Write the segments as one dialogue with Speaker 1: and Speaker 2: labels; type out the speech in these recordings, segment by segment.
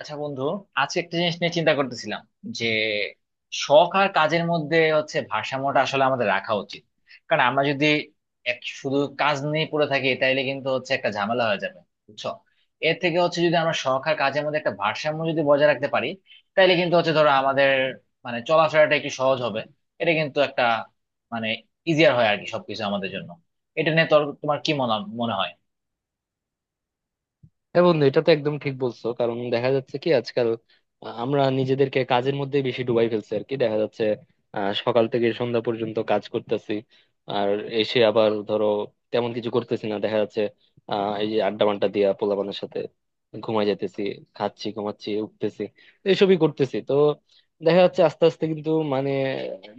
Speaker 1: আচ্ছা বন্ধু, আজকে একটা জিনিস নিয়ে চিন্তা করতেছিলাম যে, শখ আর কাজের মধ্যে হচ্ছে ভারসাম্যটা আসলে আমাদের রাখা উচিত। কারণ আমরা যদি এক শুধু কাজ নিয়ে পড়ে থাকি তাইলে কিন্তু হচ্ছে একটা ঝামেলা হয়ে যাবে, বুঝছো। এর থেকে হচ্ছে যদি আমরা শখ আর কাজের মধ্যে একটা ভারসাম্য যদি বজায় রাখতে পারি, তাইলে কিন্তু হচ্ছে ধরো আমাদের মানে চলাফেরাটা একটু সহজ হবে। এটা কিন্তু একটা মানে ইজিয়ার হয় আর কি সবকিছু আমাদের জন্য। এটা নিয়ে তোমার কি মনে মনে হয়?
Speaker 2: হ্যাঁ বন্ধু, এটা তো একদম ঠিক বলছো। কারণ দেখা যাচ্ছে কি আজকাল আমরা নিজেদেরকে কাজের মধ্যে বেশি ডুবাই ফেলছি আর কি। দেখা যাচ্ছে সকাল থেকে সন্ধ্যা পর্যন্ত কাজ করতেছি। আর এসে আবার ধরো তেমন কিছু করতেছি না। দেখা যাচ্ছে এই যে আড্ডা মাড্ডা দিয়া পোলাপানের সাথে ঘুমাই যাইতেছি। খাচ্ছি, ঘুমাচ্ছি, উঠতেছি, এসবই করতেছি। তো দেখা যাচ্ছে আস্তে আস্তে কিন্তু মানে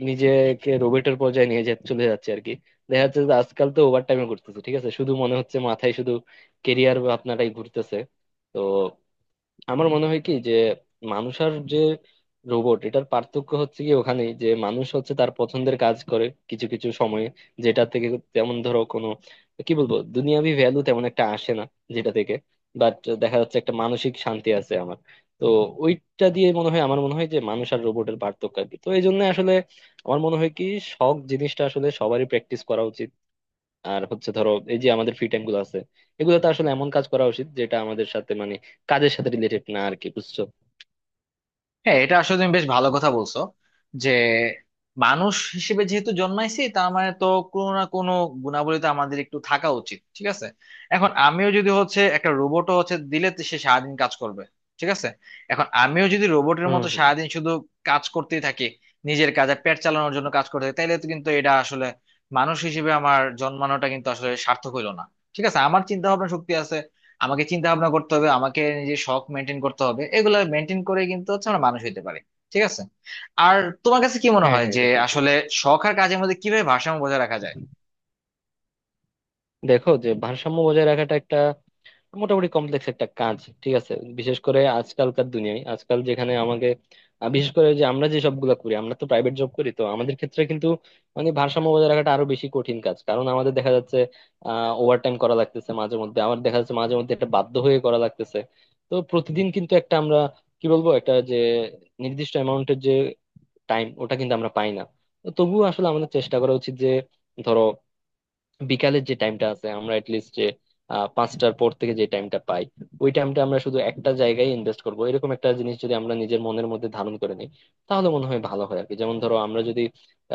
Speaker 2: নিজেকে রোবটের পর্যায়ে নিয়ে চলে যাচ্ছে আর কি। দেখা যাচ্ছে যে আজকাল তো ওভার টাইমও করতেছি, ঠিক আছে, শুধু মনে হচ্ছে মাথায় শুধু কেরিয়ার আপনারাই ঘুরতেছে। তো আমার মনে হয় কি, যে মানুষ আর যে রোবট এটার পার্থক্য হচ্ছে কি, ওখানে যে মানুষ হচ্ছে তার পছন্দের কাজ করে কিছু কিছু সময়ে, যেটা থেকে তেমন ধরো কোনো কি বলবো দুনিয়াবি ভ্যালু তেমন একটা আসে না, যেটা থেকে বাট দেখা যাচ্ছে একটা মানসিক শান্তি আছে আমার। তো ওইটা দিয়ে মনে হয়, আমার মনে হয় যে মানুষ আর রোবটের পার্থক্য আর কি। তো এই জন্য আসলে আমার মনে হয় কি, শখ জিনিসটা আসলে সবারই প্র্যাকটিস করা উচিত। আর হচ্ছে ধরো এই যে আমাদের ফ্রি টাইম গুলো আছে, এগুলোতে আসলে এমন কাজ করা উচিত যেটা আমাদের সাথে মানে কাজের সাথে রিলেটেড না আর কি, বুঝছো।
Speaker 1: হ্যাঁ, এটা আসলে তুমি বেশ ভালো কথা বলছো যে, মানুষ হিসেবে যেহেতু জন্মাইছি তার মানে তো কোনো না কোনো গুণাবলী তো আমাদের একটু থাকা উচিত। ঠিক আছে, এখন আমিও যদি হচ্ছে একটা রোবটও হচ্ছে দিলে তো সে সারাদিন কাজ করবে। ঠিক আছে, এখন আমিও যদি রোবটের
Speaker 2: হুম
Speaker 1: মতো
Speaker 2: হুম।
Speaker 1: সারাদিন শুধু কাজ করতেই থাকি, নিজের কাজে পেট চালানোর জন্য কাজ করতে থাকি তাহলে তো কিন্তু এটা আসলে মানুষ হিসেবে আমার জন্মানোটা কিন্তু আসলে সার্থক হইলো না। ঠিক আছে, আমার চিন্তা ভাবনা শক্তি আছে, আমাকে চিন্তা ভাবনা করতে হবে, আমাকে নিজের শখ মেনটেন করতে হবে, এগুলো মেনটেন করে কিন্তু হচ্ছে আমরা মানুষ হইতে পারি। ঠিক আছে, আর তোমার কাছে কি মনে
Speaker 2: হ্যাঁ
Speaker 1: হয়
Speaker 2: হ্যাঁ,
Speaker 1: যে
Speaker 2: এটা ঠিক
Speaker 1: আসলে
Speaker 2: বলছো।
Speaker 1: শখ আর কাজের মধ্যে কিভাবে ভারসাম্য বজায় রাখা যায়?
Speaker 2: দেখো যে ভারসাম্য বজায় রাখাটা একটা মোটামুটি কমপ্লেক্স একটা কাজ। ঠিক আছে। বিশেষ করে আজকালকার দুনিয়ায় আজকাল যেখানে আমাকে বিশেষ করে যে আমরা যে সবগুলা করি আমরা তো প্রাইভেট জব করি, তো আমাদের ক্ষেত্রে কিন্তু মানে ভারসাম্য বজায় রাখাটা আরো বেশি কঠিন কাজ, কারণ আমাদের দেখা যাচ্ছে ওভারটাইম করা লাগতেছে মাঝে মধ্যে, আবার দেখা যাচ্ছে মাঝে মধ্যে একটা বাধ্য হয়ে করা লাগতেছে। তো প্রতিদিন কিন্তু একটা আমরা কি বলবো একটা যে নির্দিষ্ট অ্যামাউন্টের যে টাইম ওটা কিন্তু আমরা পাই না। তো তবুও আসলে আমাদের চেষ্টা করা উচিত যে ধরো বিকালের যে টাইমটা আছে আমরা এটলিস্ট যে 5টার পর থেকে যে টাইমটা পাই, ওই টাইমটা আমরা শুধু একটা জায়গায় ইনভেস্ট করব, এরকম একটা জিনিস যদি আমরা নিজের মনের মধ্যে ধারণ করে নিই তাহলে মনে হয় ভালো হয় আর কি। যেমন ধরো আমরা যদি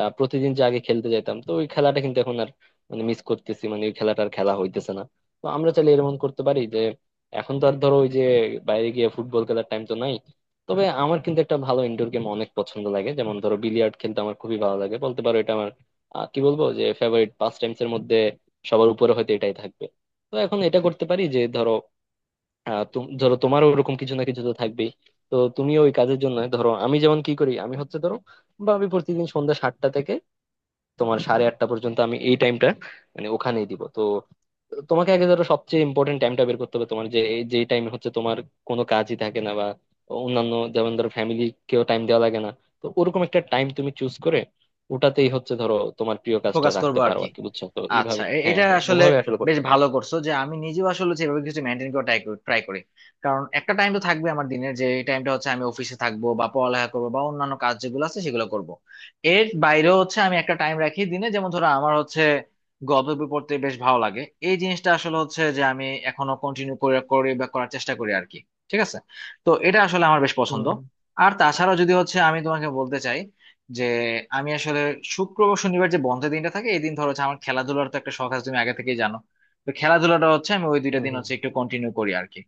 Speaker 2: প্রতিদিন যে আগে খেলতে যাইতাম, তো ওই খেলাটা কিন্তু এখন আর মানে মিস করতেছি, মানে ওই খেলাটা আর খেলা হইতেছে না। তো আমরা চাইলে এরকম করতে পারি যে এখন তো আর ধরো ওই যে বাইরে গিয়ে ফুটবল খেলার টাইম তো নাই। তবে আমার কিন্তু একটা ভালো ইনডোর গেম অনেক পছন্দ লাগে, যেমন ধরো বিলিয়ার্ড খেলতে আমার খুবই ভালো লাগে, বলতে পারো এটা আমার কি বলবো যে ফেভারিট পাস টাইমস এর মধ্যে সবার উপরে হয়তো এটাই থাকবে। তো এখন এটা করতে পারি যে ধরো ধরো তোমারও ওরকম কিছু না কিছু তো থাকবেই। তো তুমি ওই কাজের জন্য ধরো, আমি যেমন কি করি, আমি হচ্ছে ধরো বা আমি প্রতিদিন সন্ধ্যা 7টা থেকে তোমার সাড়ে 8টা পর্যন্ত আমি এই টাইমটা মানে ওখানেই দিব। তো তোমাকে আগে ধরো সবচেয়ে ইম্পর্টেন্ট টাইমটা বের করতে হবে, তোমার যে এই যে টাইমে হচ্ছে তোমার কোনো কাজই থাকে না বা অন্যান্য যেমন ধরো ফ্যামিলিকেও টাইম দেওয়া লাগে না, তো ওরকম একটা টাইম তুমি চুজ করে ওটাতেই হচ্ছে ধরো তোমার প্রিয় কাজটা
Speaker 1: ফোকাস
Speaker 2: রাখতে
Speaker 1: করবো আর
Speaker 2: পারো
Speaker 1: কি।
Speaker 2: আর কি, বুঝছো। তো
Speaker 1: আচ্ছা,
Speaker 2: এইভাবে,
Speaker 1: এ-
Speaker 2: হ্যাঁ
Speaker 1: এটা
Speaker 2: হ্যাঁ,
Speaker 1: আসলে
Speaker 2: ওভাবে আসলে
Speaker 1: বেশ
Speaker 2: করতে পারো।
Speaker 1: ভালো করছো যে আমি নিজেও আসলে সেভাবে কিছু মেনটেন করে ট্রাই করি। কারণ একটা টাইম তো থাকবে আমার দিনের যে টাইমটা হচ্ছে আমি অফিসে থাকবো বা পড়ালেখা করবো বা অন্যান্য কাজ যেগুলো আছে সেগুলো করব। এর বাইরেও হচ্ছে আমি একটা টাইম রাখি দিনে, যেমন ধরো আমার হচ্ছে গল্প বই পড়তে বেশ ভালো লাগে। এই জিনিসটা আসলে হচ্ছে যে আমি এখনো কন্টিনিউ করে করে বা করার চেষ্টা করি আর কি। ঠিক আছে, তো এটা আসলে আমার বেশ পছন্দ।
Speaker 2: হুম
Speaker 1: আর তাছাড়া যদি হচ্ছে আমি তোমাকে বলতে চাই যে আমি আসলে শুক্রবার শনিবার যে বন্ধের দিনটা থাকে এই দিন ধরো হচ্ছে আমার খেলাধুলার তো একটা শখ আছে, তুমি আগে থেকেই জানো। তো খেলাধুলাটা হচ্ছে আমি ওই দুইটা
Speaker 2: হুম।
Speaker 1: দিন
Speaker 2: হুম
Speaker 1: হচ্ছে একটু কন্টিনিউ করি আর কি।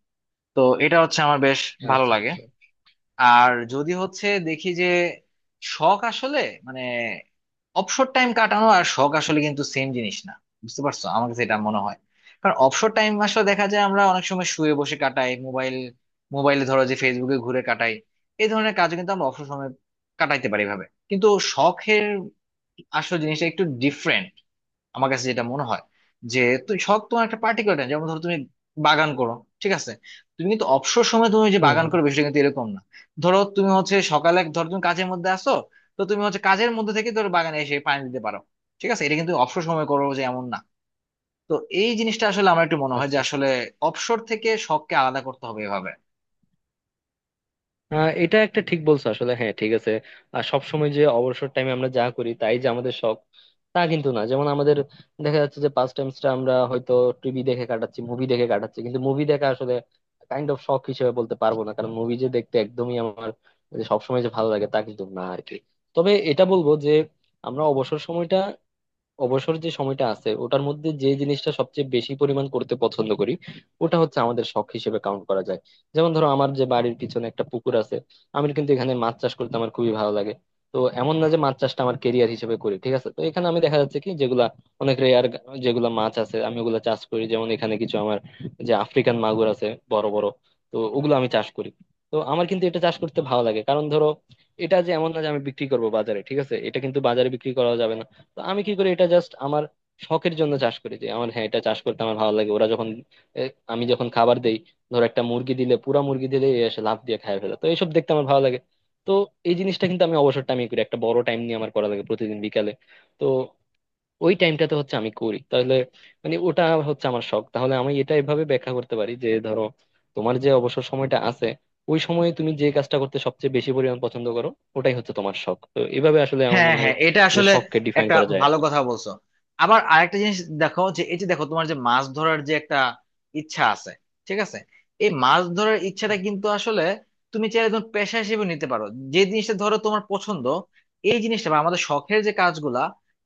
Speaker 1: তো এটা হচ্ছে আমার বেশ
Speaker 2: হুম।
Speaker 1: ভালো
Speaker 2: আচ্ছা
Speaker 1: লাগে।
Speaker 2: আচ্ছা।
Speaker 1: আর যদি হচ্ছে দেখি যে শখ আসলে মানে অবসর টাইম কাটানো আর শখ আসলে কিন্তু সেম জিনিস না, বুঝতে পারছো? আমার কাছে এটা মনে হয়। কারণ অবসর টাইম আসলে দেখা যায় আমরা অনেক সময় শুয়ে বসে কাটাই, মোবাইল মোবাইলে ধরো যে ফেসবুকে ঘুরে কাটাই, এই ধরনের কাজ কিন্তু আমরা অবসর সময় কাটাইতে পারি এভাবে। কিন্তু শখের আসল জিনিসটা একটু ডিফারেন্ট, আমার কাছে যেটা মনে হয়। যে তুই শখ তোমার একটা পার্টিকুলার টাইম, যেমন ধরো তুমি বাগান করো। ঠিক আছে, তুমি কিন্তু অবসর সময় তুমি যে
Speaker 2: হুম
Speaker 1: বাগান
Speaker 2: হুম।
Speaker 1: করো বিষয়টা কিন্তু এরকম না। ধরো তুমি হচ্ছে সকালে ধরো তুমি কাজের মধ্যে আসো, তো তুমি হচ্ছে কাজের মধ্যে থেকে ধরো বাগানে এসে পানি দিতে পারো। ঠিক আছে, এটা কিন্তু অবসর সময় করো যে এমন না। তো এই জিনিসটা আসলে আমার একটু মনে হয় যে
Speaker 2: আচ্ছা।
Speaker 1: আসলে অবসর থেকে শখকে আলাদা করতে হবে এভাবে।
Speaker 2: এটা একটা ঠিক বলছো আসলে, হ্যাঁ, ঠিক আছে। আর সবসময় যে অবসর টাইমে আমরা যা করি তাই যে আমাদের শখ, তা কিন্তু না। যেমন আমাদের দেখা যাচ্ছে যে পাস টাইমসটা আমরা হয়তো টিভি দেখে কাটাচ্ছি, মুভি দেখে কাটাচ্ছি, কিন্তু মুভি দেখা আসলে কাইন্ড অফ শখ হিসেবে বলতে পারবো না, কারণ মুভি যে দেখতে একদমই আমার, যে সবসময় যে ভালো লাগে তা কিন্তু না আর কি। তবে এটা বলবো যে আমরা অবসর সময়টা, অবসর যে সময়টা আছে ওটার মধ্যে যে জিনিসটা সবচেয়ে বেশি পরিমাণ করতে পছন্দ করি, ওটা হচ্ছে আমাদের শখ হিসেবে কাউন্ট করা যায়। যেমন ধরো আমার যে বাড়ির পিছনে একটা পুকুর আছে, আমি কিন্তু এখানে মাছ চাষ করতে আমার খুবই ভালো লাগে। তো এমন না যে মাছ চাষটা আমার কেরিয়ার হিসেবে করি, ঠিক আছে। তো এখানে আমি দেখা যাচ্ছে কি যেগুলা অনেক রেয়ার যেগুলা মাছ আছে আমি ওগুলা চাষ করি। যেমন এখানে কিছু আমার যে আফ্রিকান মাগুর আছে বড় বড়, তো ওগুলো আমি চাষ করি। তো আমার কিন্তু এটা চাষ করতে ভালো লাগে, কারণ ধরো এটা যে এমন না যে আমি বিক্রি করবো বাজারে, ঠিক আছে, এটা কিন্তু বাজারে বিক্রি করা যাবে না। তো আমি কি করি, এটা জাস্ট আমার শখের জন্য চাষ করি যে আমার, হ্যাঁ, এটা চাষ করতে আমার ভালো লাগে। ওরা যখন, এ, আমি যখন খাবার দেই, ধর একটা মুরগি দিলে, পুরা মুরগি দিলে এ এসে লাফ দিয়ে খায় ফেলে, তো এইসব দেখতে আমার ভালো লাগে। তো এই জিনিসটা কিন্তু আমি অবসর টাইমে করি, একটা বড় টাইম নিয়ে আমার করা লাগে প্রতিদিন বিকালে। তো ওই টাইমটাতে হচ্ছে আমি করি, তাহলে মানে ওটা হচ্ছে আমার শখ। তাহলে আমি এটা এভাবে ব্যাখ্যা করতে পারি যে ধরো তোমার যে অবসর সময়টা আছে ওই সময়ে তুমি যে কাজটা করতে সবচেয়ে বেশি পরিমাণ পছন্দ করো ওটাই হচ্ছে তোমার শখ। তো এভাবে আসলে আমার
Speaker 1: হ্যাঁ,
Speaker 2: মনে হয়
Speaker 1: হ্যাঁ, এটা
Speaker 2: যে
Speaker 1: আসলে
Speaker 2: শখকে ডিফাইন
Speaker 1: একটা
Speaker 2: করা যায়।
Speaker 1: ভালো কথা বলছো। আবার আরেকটা জিনিস দেখো, যে এই যে দেখো তোমার যে মাছ ধরার যে একটা ইচ্ছা আছে, ঠিক আছে, এই মাছ ধরার ইচ্ছাটা কিন্তু আসলে তুমি চাইলে একদম পেশা হিসেবে নিতে পারো। যে জিনিসটা ধরো তোমার পছন্দ, এই জিনিসটা বা আমাদের শখের যে কাজগুলা,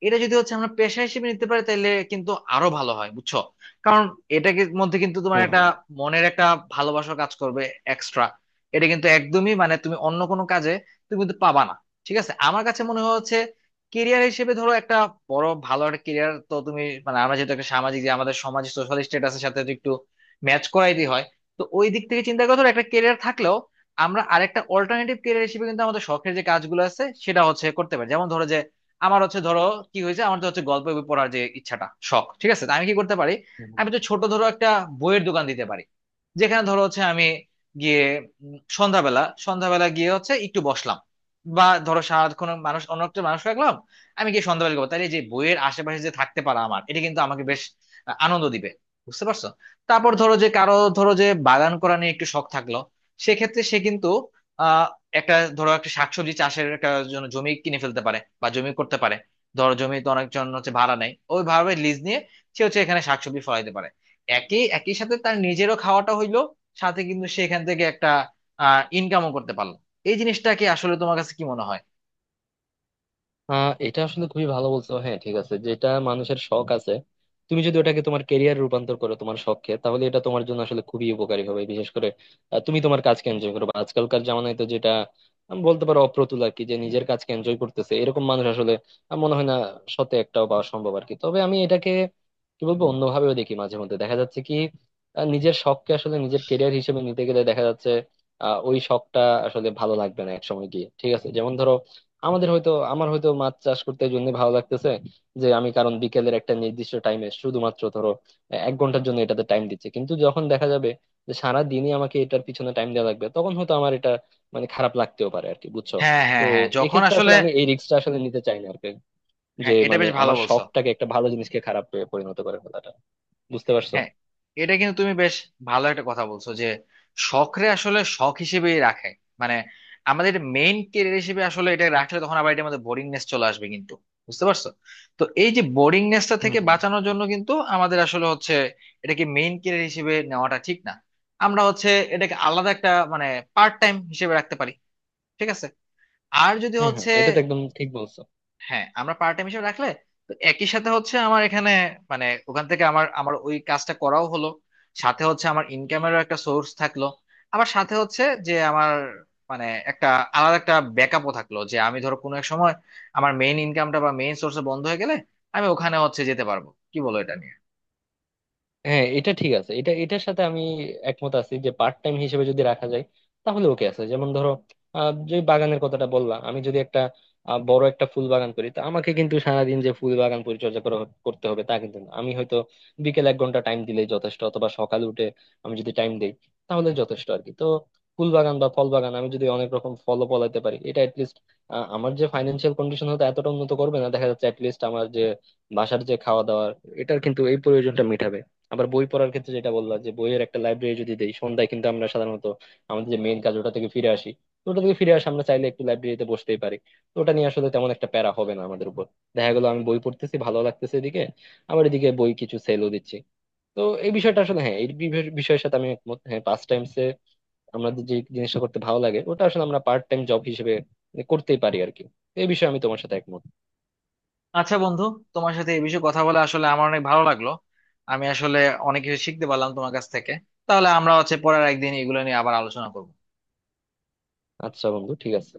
Speaker 1: এটা যদি হচ্ছে আমরা পেশা হিসেবে নিতে পারি তাহলে কিন্তু আরো ভালো হয়, বুঝছো? কারণ এটাকে মধ্যে কিন্তু তোমার একটা
Speaker 2: হম
Speaker 1: মনের একটা ভালোবাসা কাজ করবে এক্সট্রা। এটা কিন্তু একদমই মানে তুমি অন্য কোনো কাজে তুমি কিন্তু পাবা না। ঠিক আছে, আমার কাছে মনে হচ্ছে কেরিয়ার হিসেবে ধরো একটা বড় ভালো একটা কেরিয়ার তো তুমি মানে আমরা যেহেতু একটা সামাজিক, যে আমাদের সমাজ সোশ্যাল স্ট্যাটাসের সাথে তো একটু ম্যাচ করাইতে হয়, তো ওই দিক থেকে চিন্তা করে ধরো একটা কেরিয়ার থাকলেও আমরা আরেকটা অল্টারনেটিভ কেরিয়ার হিসেবে কিন্তু আমাদের শখের যে কাজগুলো আছে সেটা হচ্ছে করতে পারি। যেমন ধরো যে আমার হচ্ছে ধরো, কি হয়েছে আমার তো হচ্ছে গল্প বই পড়ার যে ইচ্ছাটা শখ, ঠিক আছে, তো আমি কি করতে পারি,
Speaker 2: হম।
Speaker 1: আমি তো ছোট ধরো একটা বইয়ের দোকান দিতে পারি। যেখানে ধরো হচ্ছে আমি গিয়ে সন্ধ্যাবেলা সন্ধ্যাবেলা গিয়ে হচ্ছে একটু বসলাম, বা ধরো সারাক্ষণ মানুষ অন্য একটা মানুষ রাখলাম, আমি গিয়ে সন্ধ্যাবেলা করবো। তাহলে যে বইয়ের আশেপাশে যে থাকতে পারা আমার এটা কিন্তু আমাকে বেশ আনন্দ দিবে, বুঝতে পারছো? তারপর ধরো যে কারো ধরো যে বাগান করা নিয়ে একটু শখ থাকলো, সেক্ষেত্রে সে কিন্তু আহ একটা ধরো একটা শাকসবজি চাষের একটা জন্য জমি কিনে ফেলতে পারে বা জমি করতে পারে। ধরো জমি তো অনেকজন হচ্ছে ভাড়া নেয় ওইভাবে, লিজ নিয়ে সে হচ্ছে এখানে শাকসবজি ফলাইতে পারে। একই একই সাথে তার নিজেরও খাওয়াটা হইলো, সাথে কিন্তু সে এখান থেকে একটা ইনকামও করতে পারলো। এই জিনিসটাকে আসলে তোমার কাছে কি মনে হয়?
Speaker 2: এটা আসলে খুবই ভালো বলছো, হ্যাঁ, ঠিক আছে। যেটা মানুষের শখ আছে, তুমি যদি ওটাকে তোমার কেরিয়ার রূপান্তর করো, তোমার শখকে, তাহলে এটা তোমার জন্য আসলে খুবই উপকারী হবে। বিশেষ করে তুমি তোমার কাজকে এনজয় করবে। আজকালকার জামানায় তো যেটা আমি বলতে পারো অপ্রতুল আর কি, যে নিজের কাজকে এনজয় করতেছে এরকম মানুষ আসলে আমার মনে হয় না শতে একটাও পাওয়া সম্ভব আর কি। তবে আমি এটাকে কি বলবো অন্যভাবেও দেখি, মাঝে মধ্যে দেখা যাচ্ছে কি নিজের শখকে আসলে নিজের কেরিয়ার হিসেবে নিতে গেলে দেখা যাচ্ছে ওই শখটা আসলে ভালো লাগবে না এক সময় গিয়ে, ঠিক আছে। যেমন ধরো আমাদের হয়তো, আমার হয়তো মাছ চাষ করতে এই জন্য ভালো লাগতেছে যে আমি, কারণ বিকেলের একটা নির্দিষ্ট টাইমে শুধুমাত্র ধরো 1 ঘন্টার জন্য এটাতে টাইম দিচ্ছে, কিন্তু যখন দেখা যাবে যে সারা দিনই আমাকে এটার পিছনে টাইম দেওয়া লাগবে, তখন হয়তো আমার এটা মানে খারাপ লাগতেও পারে আর কি, বুঝছো।
Speaker 1: হ্যাঁ,
Speaker 2: তো
Speaker 1: হ্যাঁ, হ্যাঁ, যখন
Speaker 2: এক্ষেত্রে
Speaker 1: আসলে,
Speaker 2: আসলে আমি এই রিস্কটা আসলে নিতে চাই না আর কি,
Speaker 1: হ্যাঁ
Speaker 2: যে
Speaker 1: এটা
Speaker 2: মানে
Speaker 1: বেশ ভালো
Speaker 2: আমার
Speaker 1: বলছো।
Speaker 2: শখটাকে, একটা ভালো জিনিসকে, খারাপ পরিণত করে ফেলাটা, বুঝতে পারছো।
Speaker 1: হ্যাঁ, এটা কিন্তু তুমি বেশ ভালো একটা কথা বলছো যে শখরে আসলে শখ হিসেবেই রাখে। মানে আমাদের মেইন কেরিয়ার হিসেবে আসলে এটা রাখলে তখন আবার এটার মধ্যে বোরিংনেস চলে আসবে কিন্তু, বুঝতে পারছো? তো এই যে বোরিংনেসটা
Speaker 2: হুম
Speaker 1: থেকে
Speaker 2: হুম।
Speaker 1: বাঁচানোর জন্য কিন্তু আমাদের আসলে হচ্ছে এটাকে মেইন কেরিয়ার হিসেবে নেওয়াটা ঠিক না। আমরা হচ্ছে এটাকে আলাদা একটা মানে পার্ট টাইম হিসেবে রাখতে পারি। ঠিক আছে, আর যদি
Speaker 2: হম হম,
Speaker 1: হচ্ছে,
Speaker 2: এটা তো একদম ঠিক বলছো।
Speaker 1: হ্যাঁ, আমরা পার্ট টাইম হিসেবে রাখলে তো একই সাথে হচ্ছে আমার এখানে মানে ওখান থেকে আমার আমার ওই কাজটা করাও হলো, সাথে হচ্ছে আমার ইনকামেরও একটা সোর্স থাকলো। আবার সাথে হচ্ছে যে আমার মানে একটা আলাদা একটা ব্যাকআপও থাকলো, যে আমি ধরো কোনো এক সময় আমার মেইন ইনকামটা বা মেইন সোর্স বন্ধ হয়ে গেলে আমি ওখানে হচ্ছে যেতে পারবো। কি বলো এটা নিয়ে?
Speaker 2: হ্যাঁ এটা ঠিক আছে, এটা, এটার সাথে আমি একমত আছি যে পার্ট টাইম হিসেবে যদি রাখা যায় তাহলে ওকে আছে। যেমন ধরো যে বাগানের কথাটা বললাম, আমি যদি একটা বড় একটা ফুল বাগান করি, তো আমাকে কিন্তু সারাদিন যে ফুল বাগান পরিচর্যা করা করতে হবে তা কিন্তু না। আমি হয়তো বিকেল 1 ঘন্টা টাইম দিলেই যথেষ্ট, অথবা সকালে উঠে আমি যদি টাইম দিই তাহলে যথেষ্ট আর কি। তো ফুল বাগান বা ফল বাগান আমি যদি অনেক রকম ফলও ফলাইতে পারি, এটা অ্যাটলিস্ট আমার যে ফাইন্যান্সিয়াল কন্ডিশন হতে এতটা উন্নত করবে না দেখা যাচ্ছে, অ্যাটলিস্ট আমার যে বাসার যে খাওয়া দাওয়া এটার কিন্তু এই প্রয়োজনটা মেটাবে। আবার বই পড়ার ক্ষেত্রে যেটা বললাম যে বইয়ের একটা লাইব্রেরি যদি দেই, সন্ধ্যায় কিন্তু আমরা সাধারণত আমাদের যে মেইন কাজ ওটা থেকে ফিরে আসি, তো ওটা থেকে ফিরে আসে আমরা চাইলে একটু লাইব্রেরিতে বসতেই পারি। তো ওটা নিয়ে আসলে তেমন একটা প্যারা হবে না আমাদের উপর। দেখা গেলো আমি বই পড়তেছি ভালো লাগতেছে এদিকে, আবার এদিকে বই কিছু সেলও দিচ্ছি। তো এই বিষয়টা আসলে, হ্যাঁ, এই বিষয়ের সাথে আমি একমত। হ্যাঁ, পাস টাইমসে আমাদের যে জিনিসটা করতে ভালো লাগে ওটা আসলে আমরা পার্ট টাইম জব হিসেবে করতেই পারি আর কি। তো এই বিষয়ে আমি তোমার সাথে একমত।
Speaker 1: আচ্ছা বন্ধু, তোমার সাথে এই বিষয়ে কথা বলে আসলে আমার অনেক ভালো লাগলো। আমি আসলে অনেক কিছু শিখতে পারলাম তোমার কাছ থেকে। তাহলে আমরা হচ্ছে পরের একদিন এগুলো নিয়ে আবার আলোচনা করবো।
Speaker 2: আচ্ছা বন্ধু, ঠিক আছে।